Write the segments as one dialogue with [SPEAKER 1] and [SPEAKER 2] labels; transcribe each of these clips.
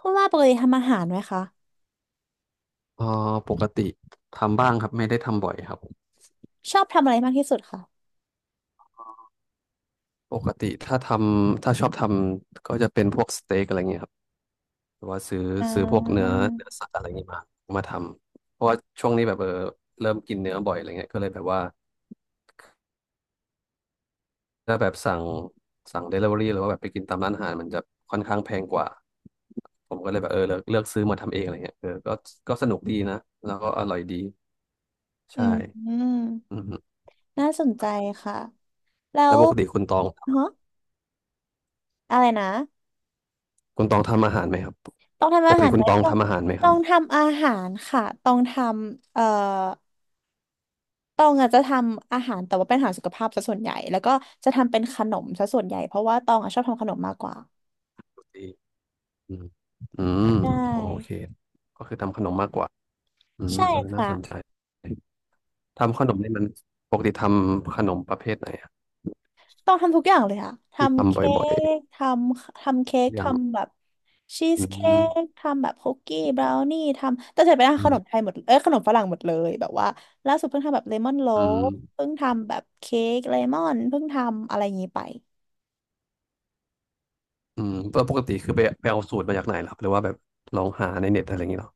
[SPEAKER 1] คุณว่าปกติทำอาหารไหมคะ
[SPEAKER 2] เอ่อปกติทำบ้างครับไม่ได้ทำบ่อยครับ
[SPEAKER 1] ชอบทำอะไรมากที่สุดคะ
[SPEAKER 2] ปกติถ้าชอบทำก็จะเป็นพวกสเต็กอะไรเงี้ยครับหรือว่าซื้อ
[SPEAKER 1] อ่
[SPEAKER 2] ซื้อพวกเนื้
[SPEAKER 1] า
[SPEAKER 2] อเนื้อสัตว์อะไรเงี้ยมาทำเพราะว่าช่วงนี้แบบเริ่มกินเนื้อบ่อยอะไรเงี้ยก็เลยแบบว่าถ้าแบบสั่งเดลิเวอรี่หรือว่าแบบไปกินตามร้านอาหารมันจะค่อนข้างแพงกว่าผมก็เลยแบบเลือกซื้อมาทำเองอะไรเงี้ยก็ก็สนุกดีนะแล้วก็อร่อยดี
[SPEAKER 1] อื
[SPEAKER 2] ใช่
[SPEAKER 1] มอืม
[SPEAKER 2] อือฮึ
[SPEAKER 1] น่าสนใจค่ะแล้
[SPEAKER 2] แล้ว
[SPEAKER 1] ว
[SPEAKER 2] ปกติคุณตอง
[SPEAKER 1] ฮะอะไรนะ
[SPEAKER 2] คุณตองทำอาหารไหมครับ
[SPEAKER 1] ต้องทำ
[SPEAKER 2] ป
[SPEAKER 1] อา
[SPEAKER 2] ก
[SPEAKER 1] หา
[SPEAKER 2] ติ
[SPEAKER 1] ร
[SPEAKER 2] คุ
[SPEAKER 1] ไหม
[SPEAKER 2] ณตอง
[SPEAKER 1] ต้อง
[SPEAKER 2] ทำอาหารไหมค
[SPEAKER 1] ต้อ
[SPEAKER 2] รับ
[SPEAKER 1] งทำอาหารค่ะต้องทำต้องอาจจะทำอาหารแต่ว่าเป็นอาหารสุขภาพซะส่วนใหญ่แล้วก็จะทำเป็นขนมซะส่วนใหญ่เพราะว่าตองอะชอบทำขนมมากกว่า
[SPEAKER 2] ดีอืมอืม
[SPEAKER 1] ได
[SPEAKER 2] อ๋อโอเค
[SPEAKER 1] ้
[SPEAKER 2] ก็คือทำขนมมากกว่าอื
[SPEAKER 1] ใช่
[SPEAKER 2] มน่า
[SPEAKER 1] ค่ะ
[SPEAKER 2] สนใจทำขนมนี่มันปกติทำขนมประเภทไหนอะ
[SPEAKER 1] ต้องทำทุกอย่างเลยค่ะ
[SPEAKER 2] ที่
[SPEAKER 1] ทำ
[SPEAKER 2] ทำ
[SPEAKER 1] เค้
[SPEAKER 2] บ่อย
[SPEAKER 1] กทำเค้ก
[SPEAKER 2] ๆอย่าง
[SPEAKER 1] ทำแบบชี
[SPEAKER 2] อื
[SPEAKER 1] สเค้
[SPEAKER 2] ม
[SPEAKER 1] กทำแบบคุกกี้บราวนี่ ทำแต่เสร็จไปแล้ว
[SPEAKER 2] อื
[SPEAKER 1] ขนม
[SPEAKER 2] ม
[SPEAKER 1] ไทยหมดเอ้ยขนมฝรั่งหมดเลย แบบว่าล่าสุดเพิ่งทำแบบเลมอนโล
[SPEAKER 2] อืม
[SPEAKER 1] ฟเพิ่งทำแบบเค้กเลมอนเพิ่งทำอะไรอย่างนี้ไป
[SPEAKER 2] อืมแล้วปกติคือไปเอาสูตรมาจากไหนล่ะครับหรือว่าแบบลองหาในเน็ตอะไรอย่างเงี้ยหรอ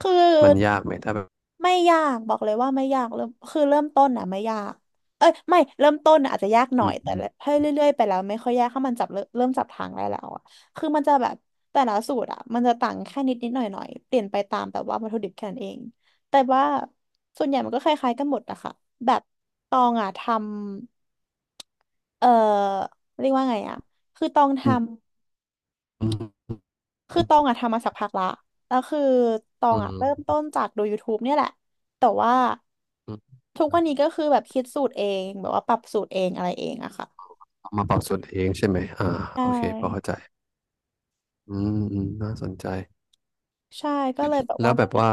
[SPEAKER 1] คือ
[SPEAKER 2] มันยากไหมถ้าแบบ
[SPEAKER 1] ไม่ยากบอกเลยว่าไม่ยากเริ่มคือเริ่มต้นอ่ะไม่ยากเอ้ยไม่เริ่มต้นน่ะอาจจะยากหน่
[SPEAKER 2] อื
[SPEAKER 1] อยแต่
[SPEAKER 2] ม
[SPEAKER 1] ถ้เรื่อยๆไปแล้วไม่ค่อยยากถ้ามันจับเริ่มจับทางได้แล้วอ่ะคือมันจะแบบแต่ละสูตรอ่ะมันจะต่างแค่นิดนิดหน่อยหน่อยเปลี่ยนไปตามแบบว่าวัตถุดิบแค่นั้นเองแต่ว่าส่วนใหญ่มันก็คล้ายๆกันหมดนะคะแบบตองอ่ะทำเอ่อเรียกว่าไงอ่ะคือตอง
[SPEAKER 2] อื
[SPEAKER 1] ทำ
[SPEAKER 2] มอืมอ
[SPEAKER 1] คือตองอะทำมาสักพักละ แล้วคือตอ
[SPEAKER 2] ื
[SPEAKER 1] งอะเริ่ม
[SPEAKER 2] ม
[SPEAKER 1] ต้นจากดู YouTube เนี่ยแหละ แต่ว่า
[SPEAKER 2] อืม
[SPEAKER 1] ทุก
[SPEAKER 2] ครั
[SPEAKER 1] วัน
[SPEAKER 2] บ
[SPEAKER 1] นี้ก็คือแบบคิดสูตรเองแบบว่าปรับสูตรเองอะไรเองอะค่ะ
[SPEAKER 2] เอามาปรับสูตรเองใช่ไหมอ่า
[SPEAKER 1] ใช่
[SPEAKER 2] โอเคพอเข้าใจอืมอืมน่าสนใจ
[SPEAKER 1] ใช่ ก็เลยแบบ
[SPEAKER 2] แล้
[SPEAKER 1] ว่า
[SPEAKER 2] วแบ
[SPEAKER 1] ไม่
[SPEAKER 2] บ
[SPEAKER 1] ได้
[SPEAKER 2] ว่า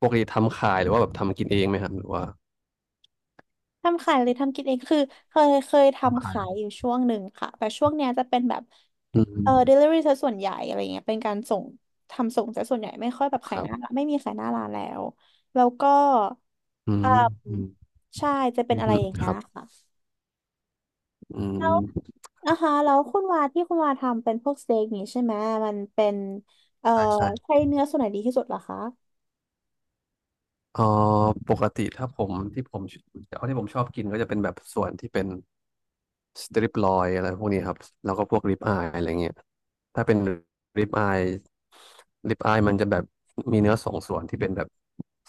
[SPEAKER 2] ปกติทำขายหรือว่าแบบทำกินเองไหมครับหรือว่า
[SPEAKER 1] ทำขายเลยทำกินเองคือเคย
[SPEAKER 2] ทำ
[SPEAKER 1] ทำ
[SPEAKER 2] ขาย
[SPEAKER 1] ขายอยู่ช่วงหนึ่งค่ะ แต่ช่วงเนี้ยจะเป็นแบบ
[SPEAKER 2] อื
[SPEAKER 1] เอ
[SPEAKER 2] ม
[SPEAKER 1] อ delivery ซะส่วนใหญ่อะไรเงี้ยเป็นการส่งทำส่งซะส่วนใหญ่ไม่ค่อยแบบ
[SPEAKER 2] ค
[SPEAKER 1] ขาย
[SPEAKER 2] รั
[SPEAKER 1] หน้า
[SPEAKER 2] บ
[SPEAKER 1] ร้านไม่มีขายหน้าร้านแล้วแล้วก็
[SPEAKER 2] อื
[SPEAKER 1] อ่
[SPEAKER 2] มอืม
[SPEAKER 1] าใช่จะเป็
[SPEAKER 2] อื
[SPEAKER 1] น
[SPEAKER 2] ม
[SPEAKER 1] อะไรอย่าง
[SPEAKER 2] ค
[SPEAKER 1] เงี้
[SPEAKER 2] รั
[SPEAKER 1] ย
[SPEAKER 2] บ
[SPEAKER 1] ค่ะ
[SPEAKER 2] อืม
[SPEAKER 1] อ่าฮะแล้วคุณวาที่คุณวาทำเป็นพวกสเต็กนี้ใช่ไหมมันเป็นเอ่อ
[SPEAKER 2] ใช่ใช่
[SPEAKER 1] ใช้เนื้อส่วนไหนดีที่สุดเหรอคะ
[SPEAKER 2] เอ่อปกติถ้าผมที่ผมชอบที่ผมชอบกินก็จะเป็นแบบส่วนที่เป็น สตริปลอยอะไรพวกนี้ครับแล้วก็พวกริบอายอะไรเงี้ยถ้าเป็นริบอายริบอายมันจะแบบมีเนื้อสองส่วนที่เป็นแบบ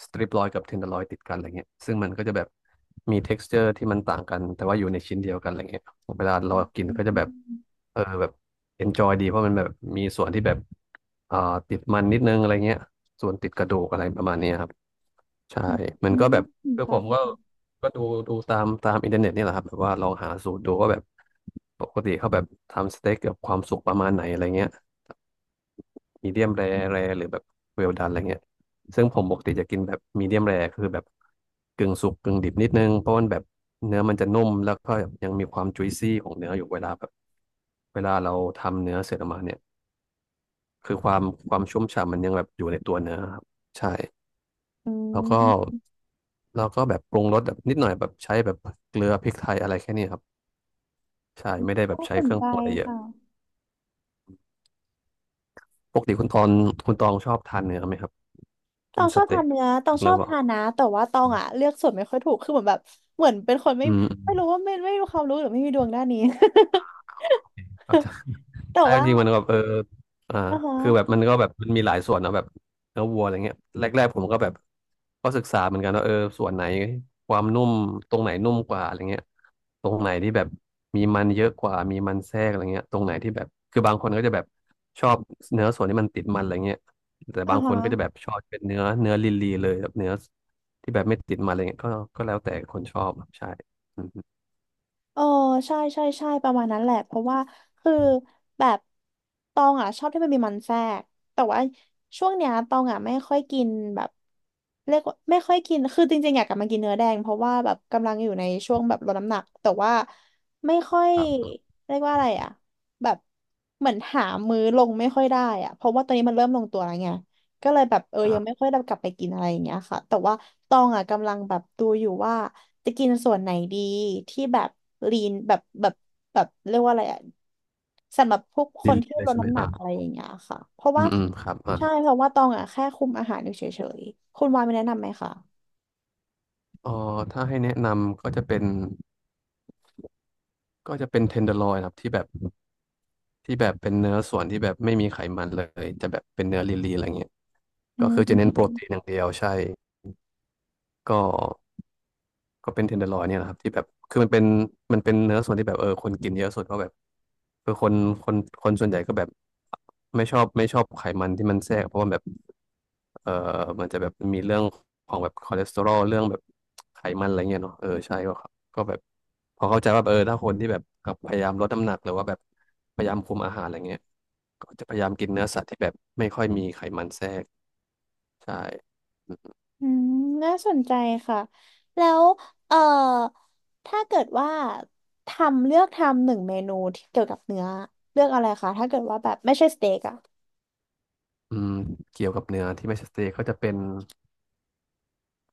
[SPEAKER 2] สตริปลอยกับเทนเดอร์ลอยติดกันอะไรเงี้ยซึ่งมันก็จะแบบมี texture ที่มันต่างกันแต่ว่าอยู่ในชิ้นเดียวกันอะไรเงี้ยเวลาเรากินก็จะแบบแบบ enjoy ดีเพราะมันแบบมีส่วนที่แบบอ่าติดมันนิดนึงอะไรเงี้ยส่วนติดกระดูกอะไรประมาณเนี้ยครับใช่มั
[SPEAKER 1] อื
[SPEAKER 2] น
[SPEAKER 1] ม
[SPEAKER 2] ก็
[SPEAKER 1] อืม
[SPEAKER 2] แบ
[SPEAKER 1] น่า
[SPEAKER 2] บ
[SPEAKER 1] สน
[SPEAKER 2] คือ
[SPEAKER 1] ใจ
[SPEAKER 2] ผมก็
[SPEAKER 1] ค่ะ
[SPEAKER 2] ก็ดูตามตามอินเทอร์เน็ตนี่แหละครับแบบว่าลองหาสูตรดูว่าแบบปกติเขาแบบทำสเต็กกับความสุกประมาณไหนอะไรเงี้ยมีเดียมแรร์หรือแบบเวลดันอะไรเงี้ยซึ่งผมปกติจะกินแบบมีเดียมแรร์คือแบบกึ่งสุกกึ่งดิบนิดนึงเพราะมันแบบเนื้อมันจะนุ่มแล้วก็ยังมีความจุยซี่ของเนื้ออยู่เวลาเราทำเนื้อเสร็จออกมาเนี่ยคือความชุ่มฉ่ำมันยังแบบอยู่ในตัวเนื้อครับใช่
[SPEAKER 1] อื
[SPEAKER 2] แล้วก็
[SPEAKER 1] ม
[SPEAKER 2] แบบปรุงรสแบบนิดหน่อยแบบใช้แบบเกลือพริกไทยอะไรแค่นี้ครับ ใช่ไม่ได้แบบ
[SPEAKER 1] ก็
[SPEAKER 2] ใช้
[SPEAKER 1] ส
[SPEAKER 2] เค
[SPEAKER 1] น
[SPEAKER 2] รื่อง
[SPEAKER 1] ใจ
[SPEAKER 2] ปรุงอะไรเยอะ
[SPEAKER 1] ค่ะ
[SPEAKER 2] ปกติคุณตองชอบทานเนื้อไหมครับ
[SPEAKER 1] ต
[SPEAKER 2] กิ
[SPEAKER 1] อ
[SPEAKER 2] น
[SPEAKER 1] ง
[SPEAKER 2] ส
[SPEAKER 1] ชอบ
[SPEAKER 2] เต็
[SPEAKER 1] ทา
[SPEAKER 2] ก
[SPEAKER 1] นเนื้อตองช
[SPEAKER 2] หรื
[SPEAKER 1] อ
[SPEAKER 2] อ
[SPEAKER 1] บ
[SPEAKER 2] เปล่า
[SPEAKER 1] ทานนะแต่ว่าตองอ่ะเลือกส่วนไม่ค่อยถูกคือเหมือนแบบเหมือนเป็นคนไม่
[SPEAKER 2] อืม
[SPEAKER 1] ไม่มีความรู้หรือไม่มีดวงด้านนี้
[SPEAKER 2] อาจจะ
[SPEAKER 1] แต่
[SPEAKER 2] ใช่จ
[SPEAKER 1] ว่า
[SPEAKER 2] ริงๆมันก็แบบอ่า
[SPEAKER 1] อ่าฮะ
[SPEAKER 2] คือแบบมันก็แบบมันมีหลายส่วนเนอะแบบเนื้อวัวอะไรเงี้ยแรกๆผมก็แบบก็ศึกษาเหมือนกันว่าส่วนไหนความนุ่มตรงไหนนุ่มกว่าอะไรเงี้ยตรงไหนที่แบบมีมันเยอะกว่ามีมันแทรกอะไรเงี้ยตรงไหนที่แบบคือบางคนก็จะแบบชอบเนื้อส่วนที่มันติดมันอะไรเงี้ยแต่
[SPEAKER 1] อ่า
[SPEAKER 2] บางค
[SPEAKER 1] ฮะ
[SPEAKER 2] นก็จะแบบชอบเป็นเนื้อลีเลยแบบเนื้อที่แบบไม่ติดมันอะไรเงี้ยก็ก็แล้วแต่คนชอบใช่อืม
[SPEAKER 1] เออใช่ใช่ใช่ประมาณนั้นแหละเพราะว่าคือแบบตองอ่ะชอบที่มันมีมันแทรกแต่ว่าช่วงเนี้ยตองอ่ะไม่ค่อยกินแบบเรียกว่าไม่ค่อยกินคือจริงๆอยากกลับมากินเนื้อแดงเพราะว่าแบบกำลังอยู่ในช่วงแบบลดน้ำหนักแต่ว่าไม่ค่อย
[SPEAKER 2] ครับ
[SPEAKER 1] เรียกว่าอะไรอ่ะแบบเหมือนหามื้อลงไม่ค่อยได้อ่ะเพราะว่าตอนนี้มันเริ่มลงตัวแล้วไง ก็เลยแบบเออ
[SPEAKER 2] อ่
[SPEAKER 1] ยังไม่
[SPEAKER 2] า
[SPEAKER 1] ค่อยได้กลับไปกินอะไรอย่างเงี้ยค่ะแต่ว่าตองอ่ะกำลังแบบดูอยู่ว่าจะกินส่วนไหนดีที่แบบลีนแบบเรียกว่าอะไรอ่ะสำหรับพวกค
[SPEAKER 2] ลี
[SPEAKER 1] น
[SPEAKER 2] ลี
[SPEAKER 1] ที่
[SPEAKER 2] เล
[SPEAKER 1] ล
[SPEAKER 2] ย
[SPEAKER 1] ด
[SPEAKER 2] ใช่ไหม
[SPEAKER 1] น้ำหนั
[SPEAKER 2] อ่า
[SPEAKER 1] กอะไรอย่างเงี้ยค่ะเพราะ
[SPEAKER 2] อื
[SPEAKER 1] ว่า
[SPEAKER 2] มอืมครับอ่า
[SPEAKER 1] ใช่เพราะว่าตองอ่ะแค่คุมอาหารอยู่เฉยๆคุณวายมีแนะนำไหมคะ
[SPEAKER 2] เออถ้าให้แนะนำก็จะเป็นก็จะเป็นเทนเดอร์ลอยครับที่แบบที่แบบเป็นเนื้อส่วนที่แบบไม่มีไขมันเลยจะแบบเป็นเนื้อลีนๆอะไรเงี้ย
[SPEAKER 1] อื
[SPEAKER 2] ก็คือจะเน้นโปร
[SPEAKER 1] ม
[SPEAKER 2] ตีนอย่างเดียวใช่ก็ ก็เป็นเทนเดอร์ลอยเนี่ยแหละครับที่แบบคือมันเป็นมันเป็นเนื้อส่วนที่แบบคนกินเยอะสุดเพราะแบบเออคนคนคนส่วนใหญ่ก็แบบไม่ชอบไขมันที่มันแทรกเพราะว่าแบบเออมันจะแบบมีเรื่องของแบบคอเลสเตอรอลเรื่องแบบไขมันอะไรเงี้ยเนาะใช่ก็ครับก็แบบพอเข้าใจว่าถ้าคนที่แบบพยายามลดน้ำหนักหรือว่าแบบพยายามคุมอาหารอะไรเงี้ยก็จะพยายามกินเนื้อสัตว์ที่แบบไม่ค่อยมีไขมันแทรกใช่
[SPEAKER 1] อืมน่าสนใจค่ะแล้วเอ่อถ้าเกิดว่าทำเลือกทำหนึ่งเมนูที่เกี่ยวกับเนื้อเลือกอะไรคะถ้าเกิดว่าแบบไม่ใช่สเต็กอะ
[SPEAKER 2] อืมเกี่ยวกับเนื้อที่ไม่ใชสเต็กก็จะเป็น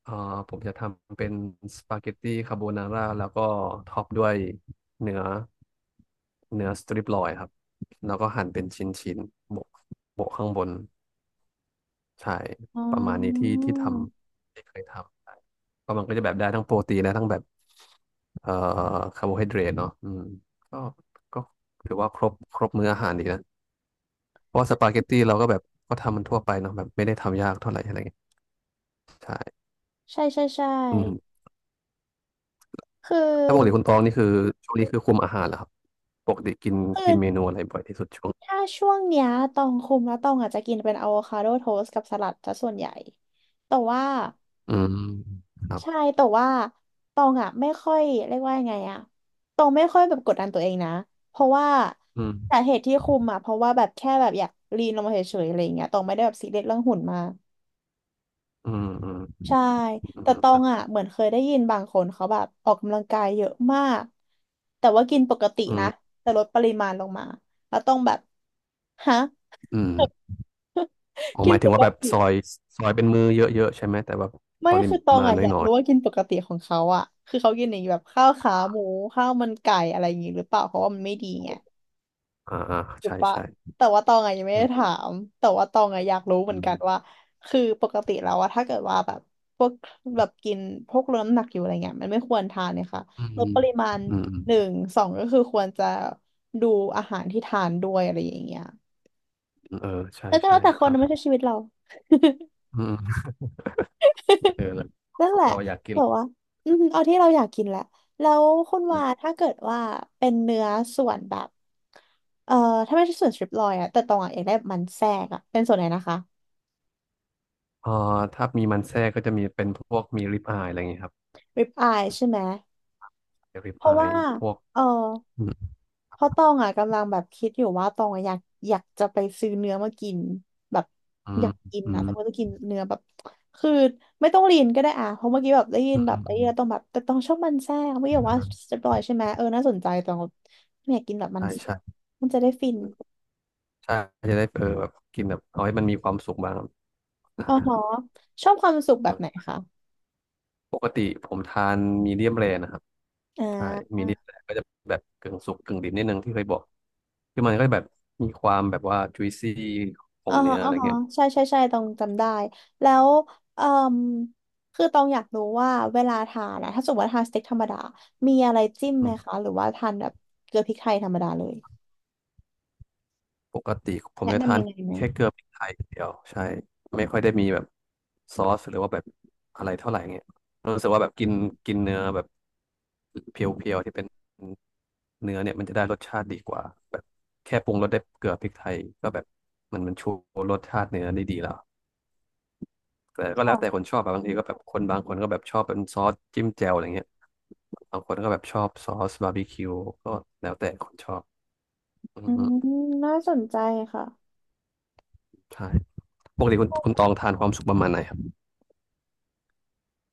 [SPEAKER 2] เอ่อผมจะทำเป็นสปาเกตตี้คาโบนาร่าแล้วก็ท็อปด้วยเนื้อเนื้อสตริปลอยครับแล้วก็หั่นเป็นชิ้นๆโบกโบกข้างบนใช่
[SPEAKER 1] อ๋
[SPEAKER 2] ประมาณนี้ที่
[SPEAKER 1] อ
[SPEAKER 2] ที่ทำที่เคยทำใช่มันก็จะแบบได้ทั้งโปรตีนและทั้งแบบเอ่อคาร์โบไฮเดรตเนาะอืมก็ก็ถือว่าครบมื้ออาหารดีนะเพราะว่าสปาเกตตี้เราก็แบบก็ทำมันทั่วไปเนาะแบบไม่ได้ทำยากเท่าไหร่อะไรเงี้ย
[SPEAKER 1] ใช่ใช่ใช่
[SPEAKER 2] อืม
[SPEAKER 1] คื
[SPEAKER 2] ถ้าปกติ
[SPEAKER 1] อ
[SPEAKER 2] คุณตองนี่คือช่วงนี้คือคุมอาหารเหรอครับปกติกิน
[SPEAKER 1] คือ
[SPEAKER 2] กินเมนูอะไรบ่อยที่สุดช่วง
[SPEAKER 1] ถ้าช่วงเนี้ยตองคุมแล้วตองอาจจะกินเป็นอะโวคาโดโทสต์กับสลัดซะส่วนใหญ่แต่ว่า
[SPEAKER 2] อืมครับ
[SPEAKER 1] ใช่แต่ว่าตองอ่ะไม่ค่อยเรียกว่ายังไงอ่ะตองไม่ค่อยแบบกดดันตัวเองนะเพราะว่า
[SPEAKER 2] อื
[SPEAKER 1] สา
[SPEAKER 2] ม
[SPEAKER 1] เหตุที่คุมอ่ะเพราะว่าแบบแค่แบบอยากลีนลงมาเฉยๆอะไรอย่างเงี้ยตองไม่ได้แบบซีเรียสเรื่องหุ่นมาก
[SPEAKER 2] อืมอืม
[SPEAKER 1] ใช่
[SPEAKER 2] อื
[SPEAKER 1] แต่
[SPEAKER 2] ม
[SPEAKER 1] ตอ
[SPEAKER 2] ครั
[SPEAKER 1] ง
[SPEAKER 2] บ
[SPEAKER 1] อ่ะเหมือนเคยได้ยินบางคนเขาแบบออกกำลังกายเยอะมากแต่ว่ากินปกติ
[SPEAKER 2] อื
[SPEAKER 1] นะ
[SPEAKER 2] ม
[SPEAKER 1] แต่ลดปริมาณลงมาแล้วต้องแบบฮะ
[SPEAKER 2] อืมอ๋อ
[SPEAKER 1] กิ
[SPEAKER 2] ห
[SPEAKER 1] น
[SPEAKER 2] มายถึ
[SPEAKER 1] ป
[SPEAKER 2] ง
[SPEAKER 1] ก
[SPEAKER 2] ว่าแบบ
[SPEAKER 1] ติ
[SPEAKER 2] ซอยเป็นมือเยอะๆใช่ไหมแต่แบบ
[SPEAKER 1] ไม่
[SPEAKER 2] ปริ
[SPEAKER 1] คือตอง
[SPEAKER 2] มาณ
[SPEAKER 1] อ่ะอยาก
[SPEAKER 2] น้อย
[SPEAKER 1] รู้ว่ากินปกติของเขาอ่ะคือเขากินอย่างแบบข้าวขาหมูข้าวมันไก่อะไรอย่างงี้หรือเปล่าเพราะว่ามันไม่ดีไง
[SPEAKER 2] ๆ
[SPEAKER 1] ถูก
[SPEAKER 2] ใช่
[SPEAKER 1] ปะ
[SPEAKER 2] ใช่
[SPEAKER 1] แต่ว่าตองอะยังไม่ได้ถา
[SPEAKER 2] เออ
[SPEAKER 1] มแต่ว่าตองอะอยากรู้เหมื
[SPEAKER 2] อื
[SPEAKER 1] อนกันว่า
[SPEAKER 2] ม
[SPEAKER 1] คือปกติแล้วอะถ้าเกิดว่าแบบพวกแบบกินพวกลดน้ำหนักอยู่อะไรเงี้ยมันไม่ควรทานเนี่ยค่ะ
[SPEAKER 2] อื
[SPEAKER 1] ลด
[SPEAKER 2] ม
[SPEAKER 1] ปริมาณ
[SPEAKER 2] อืมอื
[SPEAKER 1] หนึ่
[SPEAKER 2] ม
[SPEAKER 1] งสองก็คือควรจะดูอาหารที่ทานด้วยอะไรอย่างเงี้ย
[SPEAKER 2] เออใช่
[SPEAKER 1] แล้วก็
[SPEAKER 2] ใช่
[SPEAKER 1] แล้วแต่ค
[SPEAKER 2] ค
[SPEAKER 1] น
[SPEAKER 2] รับ
[SPEAKER 1] นะไม่ใช่ชีวิตเรา
[SPEAKER 2] อืมเออแล้วความ
[SPEAKER 1] นั่น
[SPEAKER 2] สุ
[SPEAKER 1] แห
[SPEAKER 2] ข
[SPEAKER 1] ละ
[SPEAKER 2] เราอยากกิ
[SPEAKER 1] แบ
[SPEAKER 2] น
[SPEAKER 1] บว่าอืมเอาที่เราอยากกินแหละแล้วคุณ
[SPEAKER 2] อื
[SPEAKER 1] ว่า
[SPEAKER 2] ม
[SPEAKER 1] ถ้าเกิดว่าเป็นเนื้อส่วนแบบเอ่อถ้าไม่ใช่ส่วนสตริปลอยอะแต่ตองอะอยากได้มันแทรกอะเป็นส่วนไหนนะคะ
[SPEAKER 2] เอ่าถ้ามีมันแทรกก็จะมีเป็นพวกมีริบอายอะไรอย่างเงี้ยครับ
[SPEAKER 1] ริบอายใช่ไหม
[SPEAKER 2] ริบ
[SPEAKER 1] เพราะ
[SPEAKER 2] อาย
[SPEAKER 1] ว่า
[SPEAKER 2] พวก
[SPEAKER 1] เออ
[SPEAKER 2] อืม
[SPEAKER 1] เพราะตองอ่ะกำลังแบบคิดอยู่ว่าตองอะอยากจะไปซื้อเนื้อมากินแบบ
[SPEAKER 2] อื
[SPEAKER 1] อยาก
[SPEAKER 2] ม
[SPEAKER 1] กินนะแต่ว่าจะกินเนื้อแบบคือไม่ต้องลีนก็ได้อ่ะเพราะเมื่อกี้แบบได้ยิ
[SPEAKER 2] อื
[SPEAKER 1] นแบบไอ้เหี้
[SPEAKER 2] ม
[SPEAKER 1] ยต้องแบบแต่ต้องชอบมันแทรกไม่อยากว่าจะปลอยใช่ไหมเออน่าสนใจตองไม่อยากกินแบบมัน
[SPEAKER 2] ใช่
[SPEAKER 1] แทรก
[SPEAKER 2] ใช่
[SPEAKER 1] มันจะได้ฟิน
[SPEAKER 2] อืมใช่จะได้เออแบบกินแบบเอาให้มันมีความสุขบ้างครับ
[SPEAKER 1] อ๋อหรอชอบความสุขแบบไหน คะ
[SPEAKER 2] ปกติผมทานมีเดียมแรนะครับ
[SPEAKER 1] อ่
[SPEAKER 2] ใช่
[SPEAKER 1] า
[SPEAKER 2] มีเดียมแรก็จะแบบกึ่งสุกกึ่งดิบนิดนึงที่เคยบอกคือมันก็แบบมีความแบบว่า juicy ขอ
[SPEAKER 1] อ่า
[SPEAKER 2] งเนื้
[SPEAKER 1] ฮะ
[SPEAKER 2] ออะ
[SPEAKER 1] อ่า
[SPEAKER 2] ไร
[SPEAKER 1] ฮะ
[SPEAKER 2] เงี้ย
[SPEAKER 1] ใช่ใช่ใช่ตองจำได้ แล้วเอ่มคือตองอยากรู้ว่าเวลาทานอะถ้าสมมติว่าทานสเต็กธรรมดา มีอะไรจิ้มไหมคะ หรือว่าทานแบบเกลือพริกไทยธรรมดาเลย
[SPEAKER 2] ปกติผม
[SPEAKER 1] แนะ
[SPEAKER 2] จะทา
[SPEAKER 1] นำ
[SPEAKER 2] น
[SPEAKER 1] ยังไงไหม
[SPEAKER 2] แค่เกลือพริกไทยอย่างเดียวใช่ไม่ค่อยได้มีแบบซอสหรือว่าแบบอะไรเท่าไหร่เงี้ยรู้สึกว่าแบบกินกินเนื้อแบบเพียวๆที่เป็นเนื้อเนี่ยมันจะได้รสชาติดีกว่าแบบแค่ปรุงรสได้วยเกลือพริกไทยก็แบบมันชูรสชาติเนื้อได้ดีแล้วแต่ก็แล้วแต่ค
[SPEAKER 1] ค่ะ
[SPEAKER 2] นชอบอะบางทีก็แบบคนบางคนก็แบบชอบเป็นซอสจิ้มแจ่วอะไรเงี้ยบางคนก็แบบชอบซอสบาร์บีคิวก็แล้วแต่คนชอบอือ
[SPEAKER 1] อื
[SPEAKER 2] ฮึ
[SPEAKER 1] มน่าสนใจค่ะ
[SPEAKER 2] ใช่ปกติคุณตองทานความสุขประมาณไหนครับ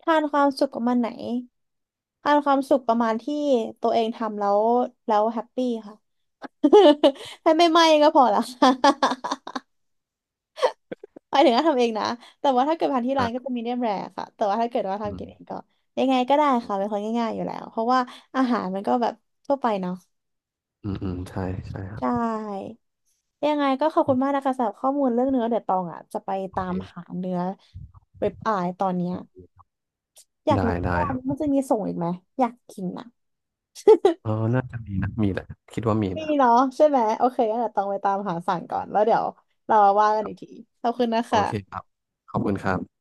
[SPEAKER 1] ทานความสุขประมาณไหน ทานความสุขประมาณที่ตัวเองทำแล้ว แล้วแฮปปี้ค่ะ ให้ไม่ไหม้ก็พอละ หมายถึงว่าทำเองนะ แต่ว่าถ้าเกิดทานที่ร้านก็
[SPEAKER 2] อ่า
[SPEAKER 1] จะมีเดียมแรค่ะแต่ว่าถ้าเกิดว่า
[SPEAKER 2] อื
[SPEAKER 1] ทำกินเองก็
[SPEAKER 2] ม
[SPEAKER 1] ยังไงก็ได้
[SPEAKER 2] อ
[SPEAKER 1] ค่ะ เป็นคนง่ายๆอยู่แล้วเพราะว่าอาหารมันก็แบบทั่วไปเนาะ
[SPEAKER 2] ืม อืม ใช่ ใช่ครั
[SPEAKER 1] ใช
[SPEAKER 2] บ
[SPEAKER 1] ่ยังไงก็ขอบ
[SPEAKER 2] อื
[SPEAKER 1] คุณมา
[SPEAKER 2] ม
[SPEAKER 1] กนะคะสำหรับข้อมูลเรื่องเนื้อเดี๋ยวตองอ่ะจะไป
[SPEAKER 2] โอ
[SPEAKER 1] ตา
[SPEAKER 2] เค
[SPEAKER 1] มหาเนื้อเว็บอายตอนเนี้ยอยาก
[SPEAKER 2] ได้
[SPEAKER 1] รู้
[SPEAKER 2] ได้
[SPEAKER 1] ว่า
[SPEAKER 2] ค
[SPEAKER 1] อัน
[SPEAKER 2] รับ
[SPEAKER 1] นี้มันจะมีส่งอีกไหมอยากกินนะ
[SPEAKER 2] เออน่าจะมีนะมีแหละคิดว่ามี
[SPEAKER 1] มี
[SPEAKER 2] นะครับ
[SPEAKER 1] เนาะใช่ไหมโอเคงั้นเดี๋ยวตองไปตามหาสั่งก่อนแล้วเดี๋ยวเรามาว่ากันอีกทีขอบคุณนะ
[SPEAKER 2] โอ
[SPEAKER 1] คะ
[SPEAKER 2] เคครับ ขอบคุณครับ